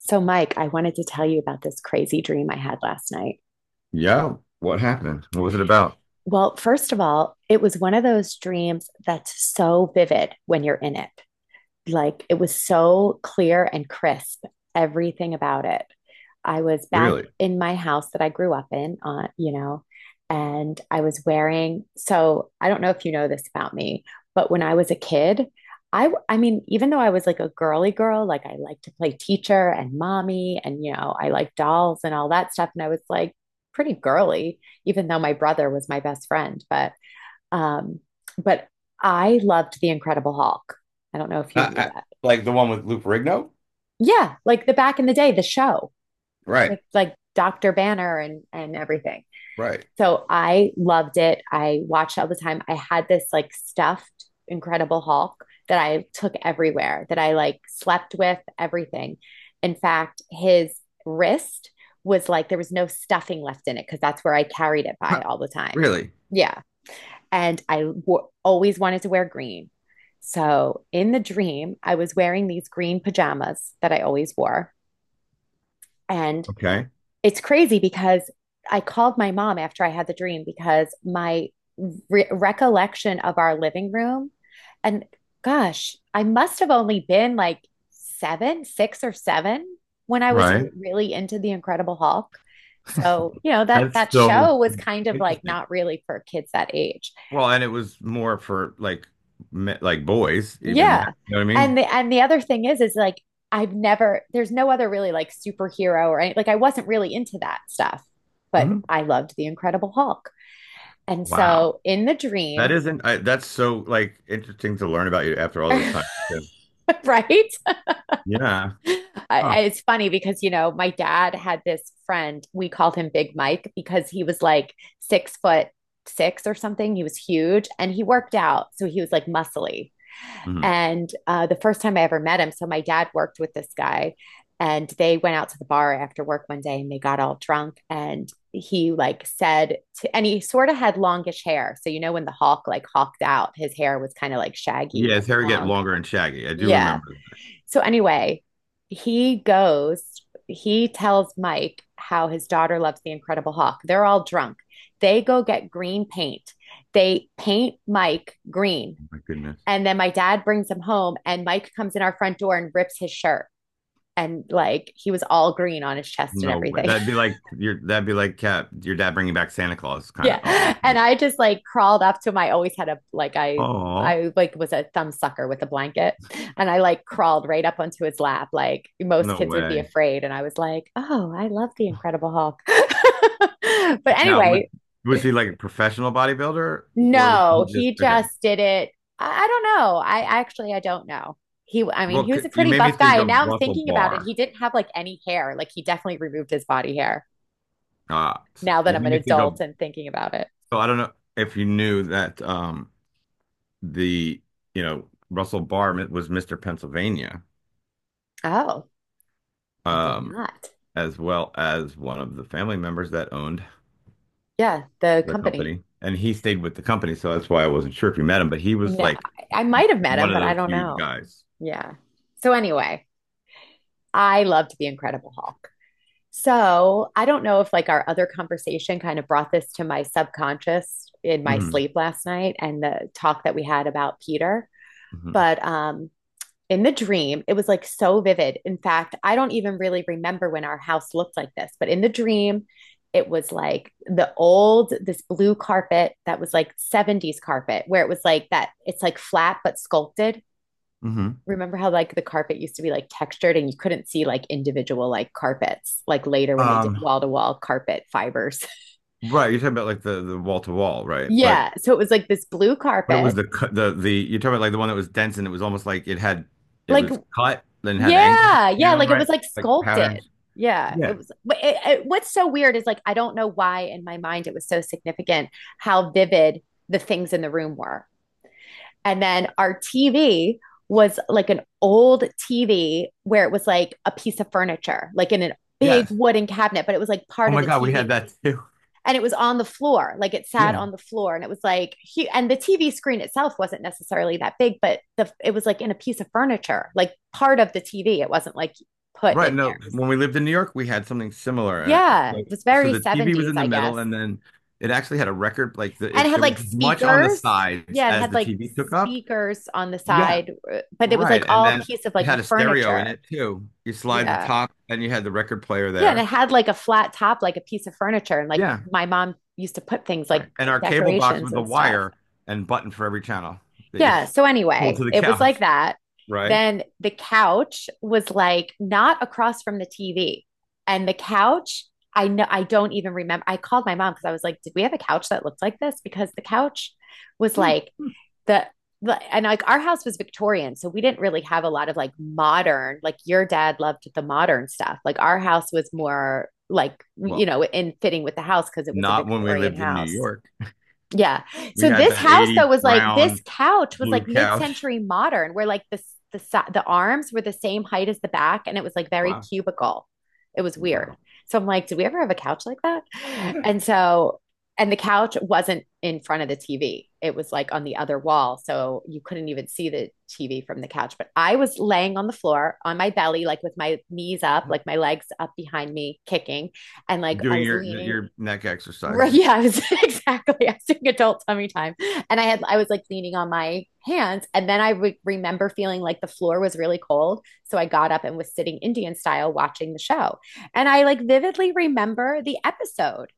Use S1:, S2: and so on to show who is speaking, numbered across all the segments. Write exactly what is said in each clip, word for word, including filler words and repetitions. S1: So, Mike, I wanted to tell you about this crazy dream I had last night.
S2: Yeah. What happened? What was it about?
S1: Well, first of all, it was one of those dreams that's so vivid when you're in it. Like it was so clear and crisp, everything about it. I was back
S2: Really?
S1: in my house that I grew up in, uh, you know, and I was wearing. So I don't know if you know this about me, but when I was a kid, I—I mean, even though I was like a girly girl, like I liked to play teacher and mommy, and you know, I liked dolls and all that stuff, and I was like pretty girly, even though my brother was my best friend. But um, but I loved The Incredible Hulk. I don't know if you
S2: Uh,
S1: knew
S2: uh,
S1: that.
S2: like the one with Lou Ferrigno?
S1: Yeah, like the back in the day, the show
S2: Right.
S1: with like Doctor Banner and and everything.
S2: Right.
S1: So I loved it. I watched it all the time. I had this like stuffed Incredible Hulk that I took everywhere, that I like slept with everything. In fact, his wrist was like there was no stuffing left in it because that's where I carried it by
S2: Huh,
S1: all the time.
S2: really?
S1: Yeah. And I w- always wanted to wear green. So in the dream, I was wearing these green pajamas that I always wore. And
S2: Okay.
S1: it's crazy because I called my mom after I had the dream, because my re- recollection of our living room, and gosh, I must have only been like seven, six or seven when I was
S2: Right.
S1: re- really into The Incredible Hulk. So, you know, that
S2: That's
S1: that
S2: so
S1: show was kind of like
S2: interesting.
S1: not really for kids that age.
S2: Well, and it was more for like me- like boys, even that.
S1: Yeah.
S2: You know what I
S1: And
S2: mean?
S1: the and the other thing is is like I've never there's no other really like superhero or any like I wasn't really into that stuff, but
S2: Mhm.
S1: I loved the Incredible Hulk. And
S2: Wow.
S1: so in the
S2: That
S1: dream,
S2: isn't I, that's so like interesting to learn about you after all this
S1: right?
S2: time too. Yeah.
S1: I-
S2: Huh.
S1: it's funny because you know my dad had this friend we called him Big Mike because he was like six foot six or something. He was huge and he worked out, so he was like muscly.
S2: Mhm.
S1: And uh, the first time I ever met him, so my dad worked with this guy and they went out to the bar after work one day and they got all drunk and he like said to and he sort of had longish hair, so you know when the hawk like hawked out his hair was kind of like
S2: Yeah,
S1: shaggy
S2: his hair get
S1: long,
S2: longer and shaggy. I do
S1: yeah,
S2: remember that.
S1: so anyway, he goes he tells Mike how his daughter loves the incredible hawk. They're all drunk. They go get green paint. They paint Mike green.
S2: My goodness.
S1: And then my dad brings him home, and Mike comes in our front door and rips his shirt. And like he was all green on his chest and
S2: No way.
S1: everything.
S2: That'd be like your that'd be like cat your dad bringing back Santa Claus kind of,
S1: Yeah.
S2: almost
S1: And
S2: like,
S1: I just like crawled up to him. I always had a, like, I,
S2: oh,
S1: I like was a thumb sucker with a blanket, and I like crawled right up onto his lap. Like most
S2: no
S1: kids would be
S2: way.
S1: afraid. And I was like, oh, I love the Incredible Hulk. But
S2: Now
S1: anyway.
S2: would was he like a professional bodybuilder, or would he
S1: No,
S2: just
S1: he
S2: okay?
S1: just did it. I, I don't know. I actually, I don't know. He, I mean,
S2: Well,
S1: he
S2: c-
S1: was a
S2: you
S1: pretty
S2: made me
S1: buff guy,
S2: think
S1: and now
S2: of
S1: I'm
S2: Russell
S1: thinking about it. He
S2: Barr.
S1: didn't have like any hair. Like he definitely removed his body hair.
S2: Uh, s-
S1: Now that
S2: you
S1: I'm
S2: made
S1: an
S2: me think
S1: adult
S2: of,
S1: and thinking about it.
S2: so I don't know if you knew that um the you know Russell Barr mi- was Mister Pennsylvania,
S1: Oh, I did
S2: um
S1: not.
S2: as well as one of the family members that owned
S1: Yeah, the
S2: the
S1: company.
S2: company, and he stayed with the company. So that's why I wasn't sure if you met him, but he was
S1: No,
S2: like
S1: I, I might have met
S2: one
S1: him,
S2: of
S1: but I
S2: those
S1: don't
S2: huge
S1: know.
S2: guys.
S1: Yeah. So anyway, I loved The Incredible Hulk. So I don't know if like our other conversation kind of brought this to my subconscious in my
S2: Mm-hmm.
S1: sleep last night and the talk that we had about Peter,
S2: Mm-hmm.
S1: but um in the dream, it was like so vivid. In fact, I don't even really remember when our house looked like this, but in the dream, it was like the old, this blue carpet that was like seventies carpet, where it was like that, it's like flat but sculpted.
S2: Mm-hmm.
S1: Remember how like the carpet used to be like textured and you couldn't see like individual like carpets like later when they did
S2: Um,
S1: wall to wall carpet fibers.
S2: right, you're talking about like the the wall to wall, right? But
S1: Yeah, so it was like this blue
S2: but it was
S1: carpet.
S2: the cut the the you're talking about like the one that was dense, and it was almost like it had it
S1: Like
S2: was cut, then had angles
S1: yeah, yeah,
S2: down,
S1: like it
S2: right?
S1: was like
S2: Like
S1: sculpted.
S2: patterns.
S1: Yeah, it
S2: Yeah.
S1: was, but it, it, what's so weird is like I don't know why in my mind it was so significant, how vivid the things in the room were. And then our T V was like an old T V where it was like a piece of furniture, like in an big
S2: Yes.
S1: wooden cabinet, but it was like
S2: Oh
S1: part of
S2: my
S1: the
S2: God, we had
S1: T V.
S2: that too.
S1: And it was on the floor, like it sat
S2: Yeah.
S1: on the floor. And it was like he, and the TV screen itself wasn't necessarily that big, but the it was like in a piece of furniture, like part of the TV. It wasn't like put
S2: Right.
S1: in there.
S2: No,
S1: It was,
S2: when we lived in New York, we had something similar. And uh,
S1: yeah, it
S2: like,
S1: was
S2: so
S1: very
S2: the T V was
S1: seventies,
S2: in the
S1: I guess.
S2: middle, and then it actually had a record, like the,
S1: And it
S2: it
S1: had
S2: there was
S1: like
S2: as much on the
S1: speakers,
S2: sides
S1: yeah, it
S2: as
S1: had
S2: the
S1: like
S2: T V took up.
S1: speakers on the
S2: Yeah.
S1: side. Uh, but it was
S2: Right.
S1: like
S2: And
S1: all
S2: then
S1: piece of
S2: it
S1: like a
S2: had a stereo in
S1: furniture.
S2: it too. You slide the
S1: Yeah,
S2: top and you had the record player
S1: yeah, and it
S2: there.
S1: had like a flat top, like a piece of furniture. And like
S2: Yeah,
S1: my mom used to put things like
S2: right. And our cable box
S1: decorations
S2: with the
S1: and stuff.
S2: wire and button for every channel that you
S1: Yeah. So
S2: pulled
S1: anyway,
S2: to the
S1: it was like
S2: couch,
S1: that.
S2: right?
S1: Then the couch was like not across from the T V. And the couch, I know, I don't even remember. I called my mom because I was like, did we have a couch that looked like this? Because the couch was
S2: Hmm.
S1: like the and like our house was Victorian, so we didn't really have a lot of like modern, like your dad loved the modern stuff. Like our house was more like, you
S2: Well,
S1: know, in fitting with the house because it was a
S2: not when we
S1: Victorian
S2: lived in New
S1: house.
S2: York.
S1: Yeah.
S2: We
S1: So
S2: had
S1: this
S2: that
S1: house though
S2: eighty
S1: was like this
S2: brown
S1: couch was
S2: blue
S1: like
S2: couch.
S1: mid-century modern, where like the s- the si- the arms were the same height as the back, and it was like very
S2: Wow.
S1: cubical. It was weird.
S2: Wow.
S1: So I'm like, did we ever have a couch like that? And so, and the couch wasn't in front of the T V. It was like on the other wall, so you couldn't even see the T V from the couch. But I was laying on the floor on my belly, like with my knees up, like my legs up behind me, kicking, and like I
S2: Doing
S1: was
S2: your
S1: leaning.
S2: your neck
S1: Right,
S2: exercises.
S1: yeah, I was, exactly. I was doing adult tummy time, and I had I was like leaning on my hands, and then I re- remember feeling like the floor was really cold, so I got up and was sitting Indian style watching the show, and I like vividly remember the episode,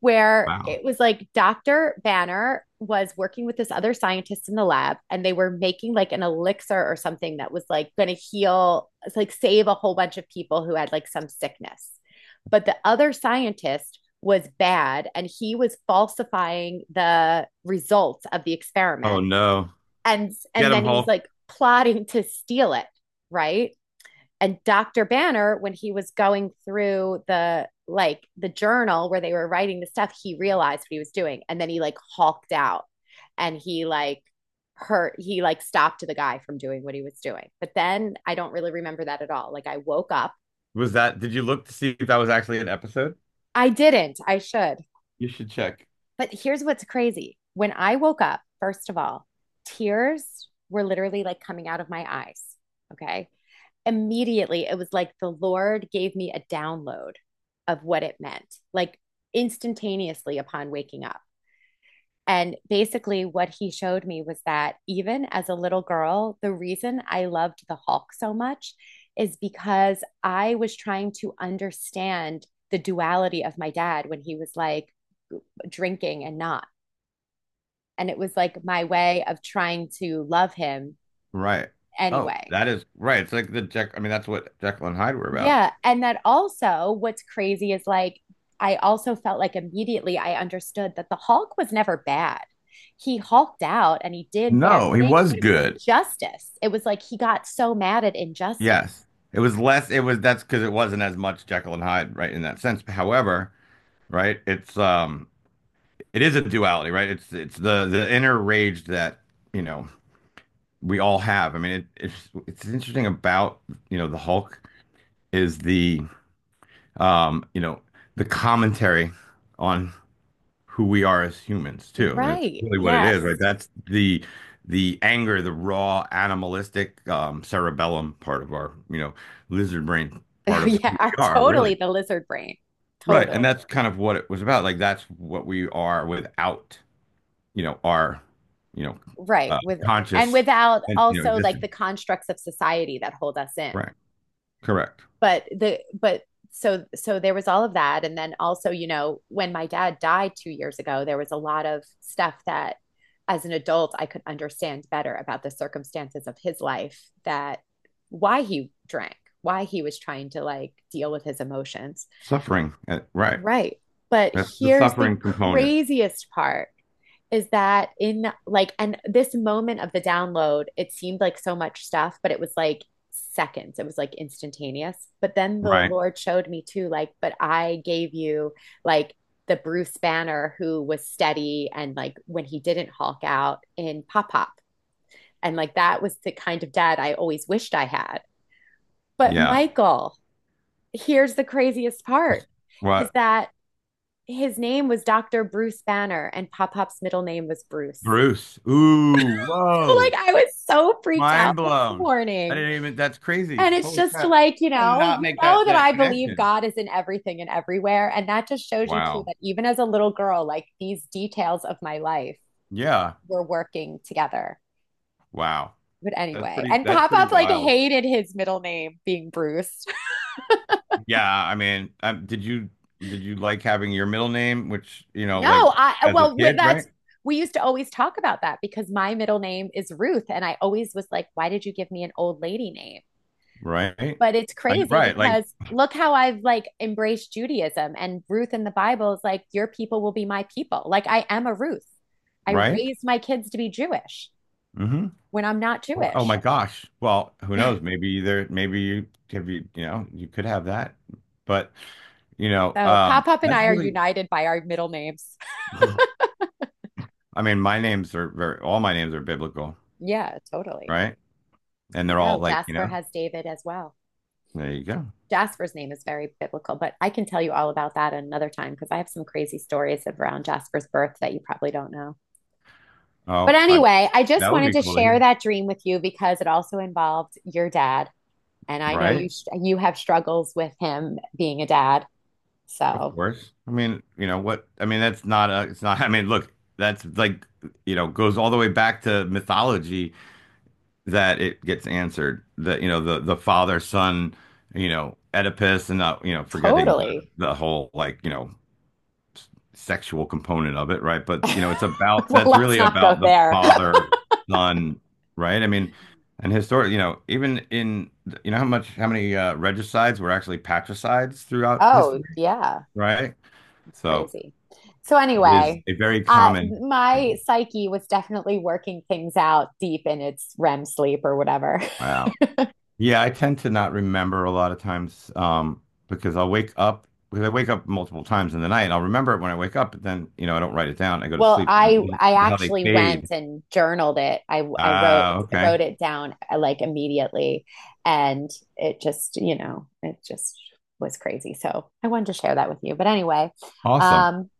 S1: where it
S2: Wow.
S1: was like Doctor Banner was working with this other scientist in the lab and they were making like an elixir or something that was like going to heal, like save a whole bunch of people who had like some sickness. But the other scientist was bad and he was falsifying the results of the
S2: Oh
S1: experiment.
S2: no.
S1: And
S2: Get
S1: and
S2: him,
S1: then he was
S2: Hulk.
S1: like plotting to steal it, right? And Doctor Banner, when he was going through the like the journal where they were writing the stuff, he realized what he was doing. And then he like hulked out, and he like hurt he like stopped the guy from doing what he was doing. But then I don't really remember that at all. Like I woke up.
S2: Was that did you look to see if that was actually an episode?
S1: I didn't. I should.
S2: You should check.
S1: But here's what's crazy. When I woke up, first of all, tears were literally like coming out of my eyes. Okay. Immediately it was like the Lord gave me a download of what it meant, like instantaneously upon waking up. And basically, what he showed me was that even as a little girl, the reason I loved the Hulk so much is because I was trying to understand the duality of my dad when he was like drinking and not. And it was like my way of trying to love him
S2: Right. Oh,
S1: anyway.
S2: that is right. It's like the Jack. I mean, that's what Jekyll and Hyde were about.
S1: Yeah. And that also, what's crazy is like, I also felt like immediately I understood that the Hulk was never bad. He hulked out and he did bad
S2: No, he
S1: things,
S2: was
S1: but it was like
S2: good.
S1: justice. It was like he got so mad at injustice.
S2: Yes. It was less, it was that's because it wasn't as much Jekyll and Hyde, right, in that sense. However, right, it's um it is a duality, right? It's it's the the inner rage that, you know, we all have. I mean, it it's it's interesting about, you know, the Hulk is the um, you know, the commentary on who we are as humans too. And it's
S1: Right.
S2: really what it is, right?
S1: Yes.
S2: That's the the anger, the raw animalistic um, cerebellum part of our, you know, lizard brain part of who
S1: Yeah. Are
S2: we are, really.
S1: totally the lizard brain.
S2: Right. And
S1: Totally.
S2: that's kind of what it was about. Like that's what we are without, you know, our, you know,
S1: Right.
S2: uh,
S1: With and
S2: conscious
S1: without
S2: and, you know,
S1: also like
S2: existence.
S1: the constructs of society that hold us in.
S2: Right. Correct.
S1: but the but so so there was all of that, and then also you know when my dad died two years ago there was a lot of stuff that as an adult I could understand better about the circumstances of his life, that why he drank, why he was trying to like deal with his emotions,
S2: Suffering. uh, Right.
S1: right? But
S2: That's the
S1: here's the
S2: suffering component.
S1: craziest part is that in like and this moment of the download, it seemed like so much stuff, but it was like seconds, it was like instantaneous. But then the
S2: Right.
S1: Lord showed me too, like, but I gave you, like, the Bruce Banner who was steady, and like when he didn't hulk out in Pop Pop. And like that was the kind of dad I always wished I had. But
S2: Yeah.
S1: Michael, here's the craziest part is
S2: What?
S1: that his name was Dr. Bruce Banner, and Pop Pop's middle name was Bruce.
S2: Bruce. Ooh, whoa.
S1: Like I was so freaked
S2: Mind
S1: out this
S2: blown. I
S1: morning.
S2: didn't even, that's
S1: And
S2: crazy.
S1: it's
S2: Holy
S1: just
S2: crap.
S1: like, you
S2: I did
S1: know,
S2: not
S1: you
S2: make
S1: know
S2: that
S1: that I
S2: that
S1: believe
S2: connection.
S1: God is in everything and everywhere. And that just shows you too
S2: Wow.
S1: that even as a little girl, like these details of my life
S2: Yeah.
S1: were working together.
S2: Wow.
S1: But
S2: That's
S1: anyway,
S2: pretty
S1: and
S2: that's
S1: Pop
S2: pretty
S1: Up like
S2: wild.
S1: hated his middle name being Bruce.
S2: Yeah, I mean, um, did you did you like having your middle name, which, you know,
S1: No,
S2: like,
S1: I
S2: as a
S1: well
S2: kid, right?
S1: that's we used to always talk about that because my middle name is Ruth, and I always was like, why did you give me an old lady name?
S2: Right.
S1: But it's
S2: I-
S1: crazy
S2: right, like,
S1: because look how I've like embraced Judaism, and Ruth in the Bible is like, your people will be my people. Like I am a Ruth. I
S2: right?
S1: raised my kids to be Jewish
S2: hmm
S1: when I'm not
S2: Oh my
S1: Jewish.
S2: gosh. Well, who knows? Maybe there maybe you have you, you know, you could have that. But, you know,
S1: So
S2: um
S1: Pop Up and
S2: that's
S1: I are
S2: really,
S1: united by our middle names.
S2: I mean, my names are very, all my names are biblical,
S1: Yeah, totally.
S2: right? And
S1: I
S2: they're all
S1: know
S2: like, you
S1: Jasper
S2: know.
S1: has David as well.
S2: There you go.
S1: Jasper's name is very biblical, but I can tell you all about that another time because I have some crazy stories around Jasper's birth that you probably don't know. But
S2: Oh, I,
S1: anyway, I
S2: that
S1: just
S2: would
S1: wanted
S2: be
S1: to
S2: cool to
S1: share
S2: hear,
S1: that dream with you because it also involved your dad. And I know
S2: right?
S1: you sh- you have struggles with him being a dad.
S2: Of
S1: So
S2: course. I mean, you know what? I mean, that's not a, it's not, I mean, look, that's like, you know, goes all the way back to mythology that it gets answered. That, you know, the, the father, son, you know, Oedipus and, uh, you know, forgetting the,
S1: totally.
S2: the whole, like, you know, sexual component of it, right? But you know, it's about
S1: Well,
S2: that's
S1: let's
S2: really
S1: not go
S2: about the
S1: there.
S2: father, son, right? I mean, and historically, you know, even in, you know, how much how many, uh, regicides were actually patricides throughout
S1: Oh,
S2: history,
S1: yeah.
S2: right?
S1: It's
S2: So
S1: crazy. So
S2: it is
S1: anyway,
S2: a very
S1: uh
S2: common
S1: my
S2: thing.
S1: psyche was definitely working things out deep in its REM sleep or whatever.
S2: Wow. Yeah, I tend to not remember a lot of times, um, because I'll wake up because I wake up multiple times in the night. I'll remember it when I wake up, but then, you know, I don't write it down. I go to
S1: Well,
S2: sleep.
S1: I I
S2: How they
S1: actually went
S2: fade.
S1: and journaled it. I I wrote
S2: Ah, okay,
S1: wrote it down uh, like immediately, and it just you know it just was crazy. So I wanted to share that with you. But anyway,
S2: awesome.
S1: um,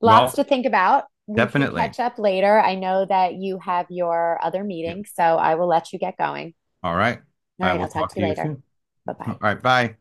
S1: lots
S2: Well,
S1: to think about. We can
S2: definitely.
S1: catch up later. I know that you have your other
S2: Yep.
S1: meeting, so I will let you get going.
S2: All right.
S1: All
S2: I
S1: right,
S2: will
S1: I'll talk to
S2: talk to
S1: you
S2: you
S1: later.
S2: soon.
S1: Bye
S2: All
S1: bye.
S2: right. Bye.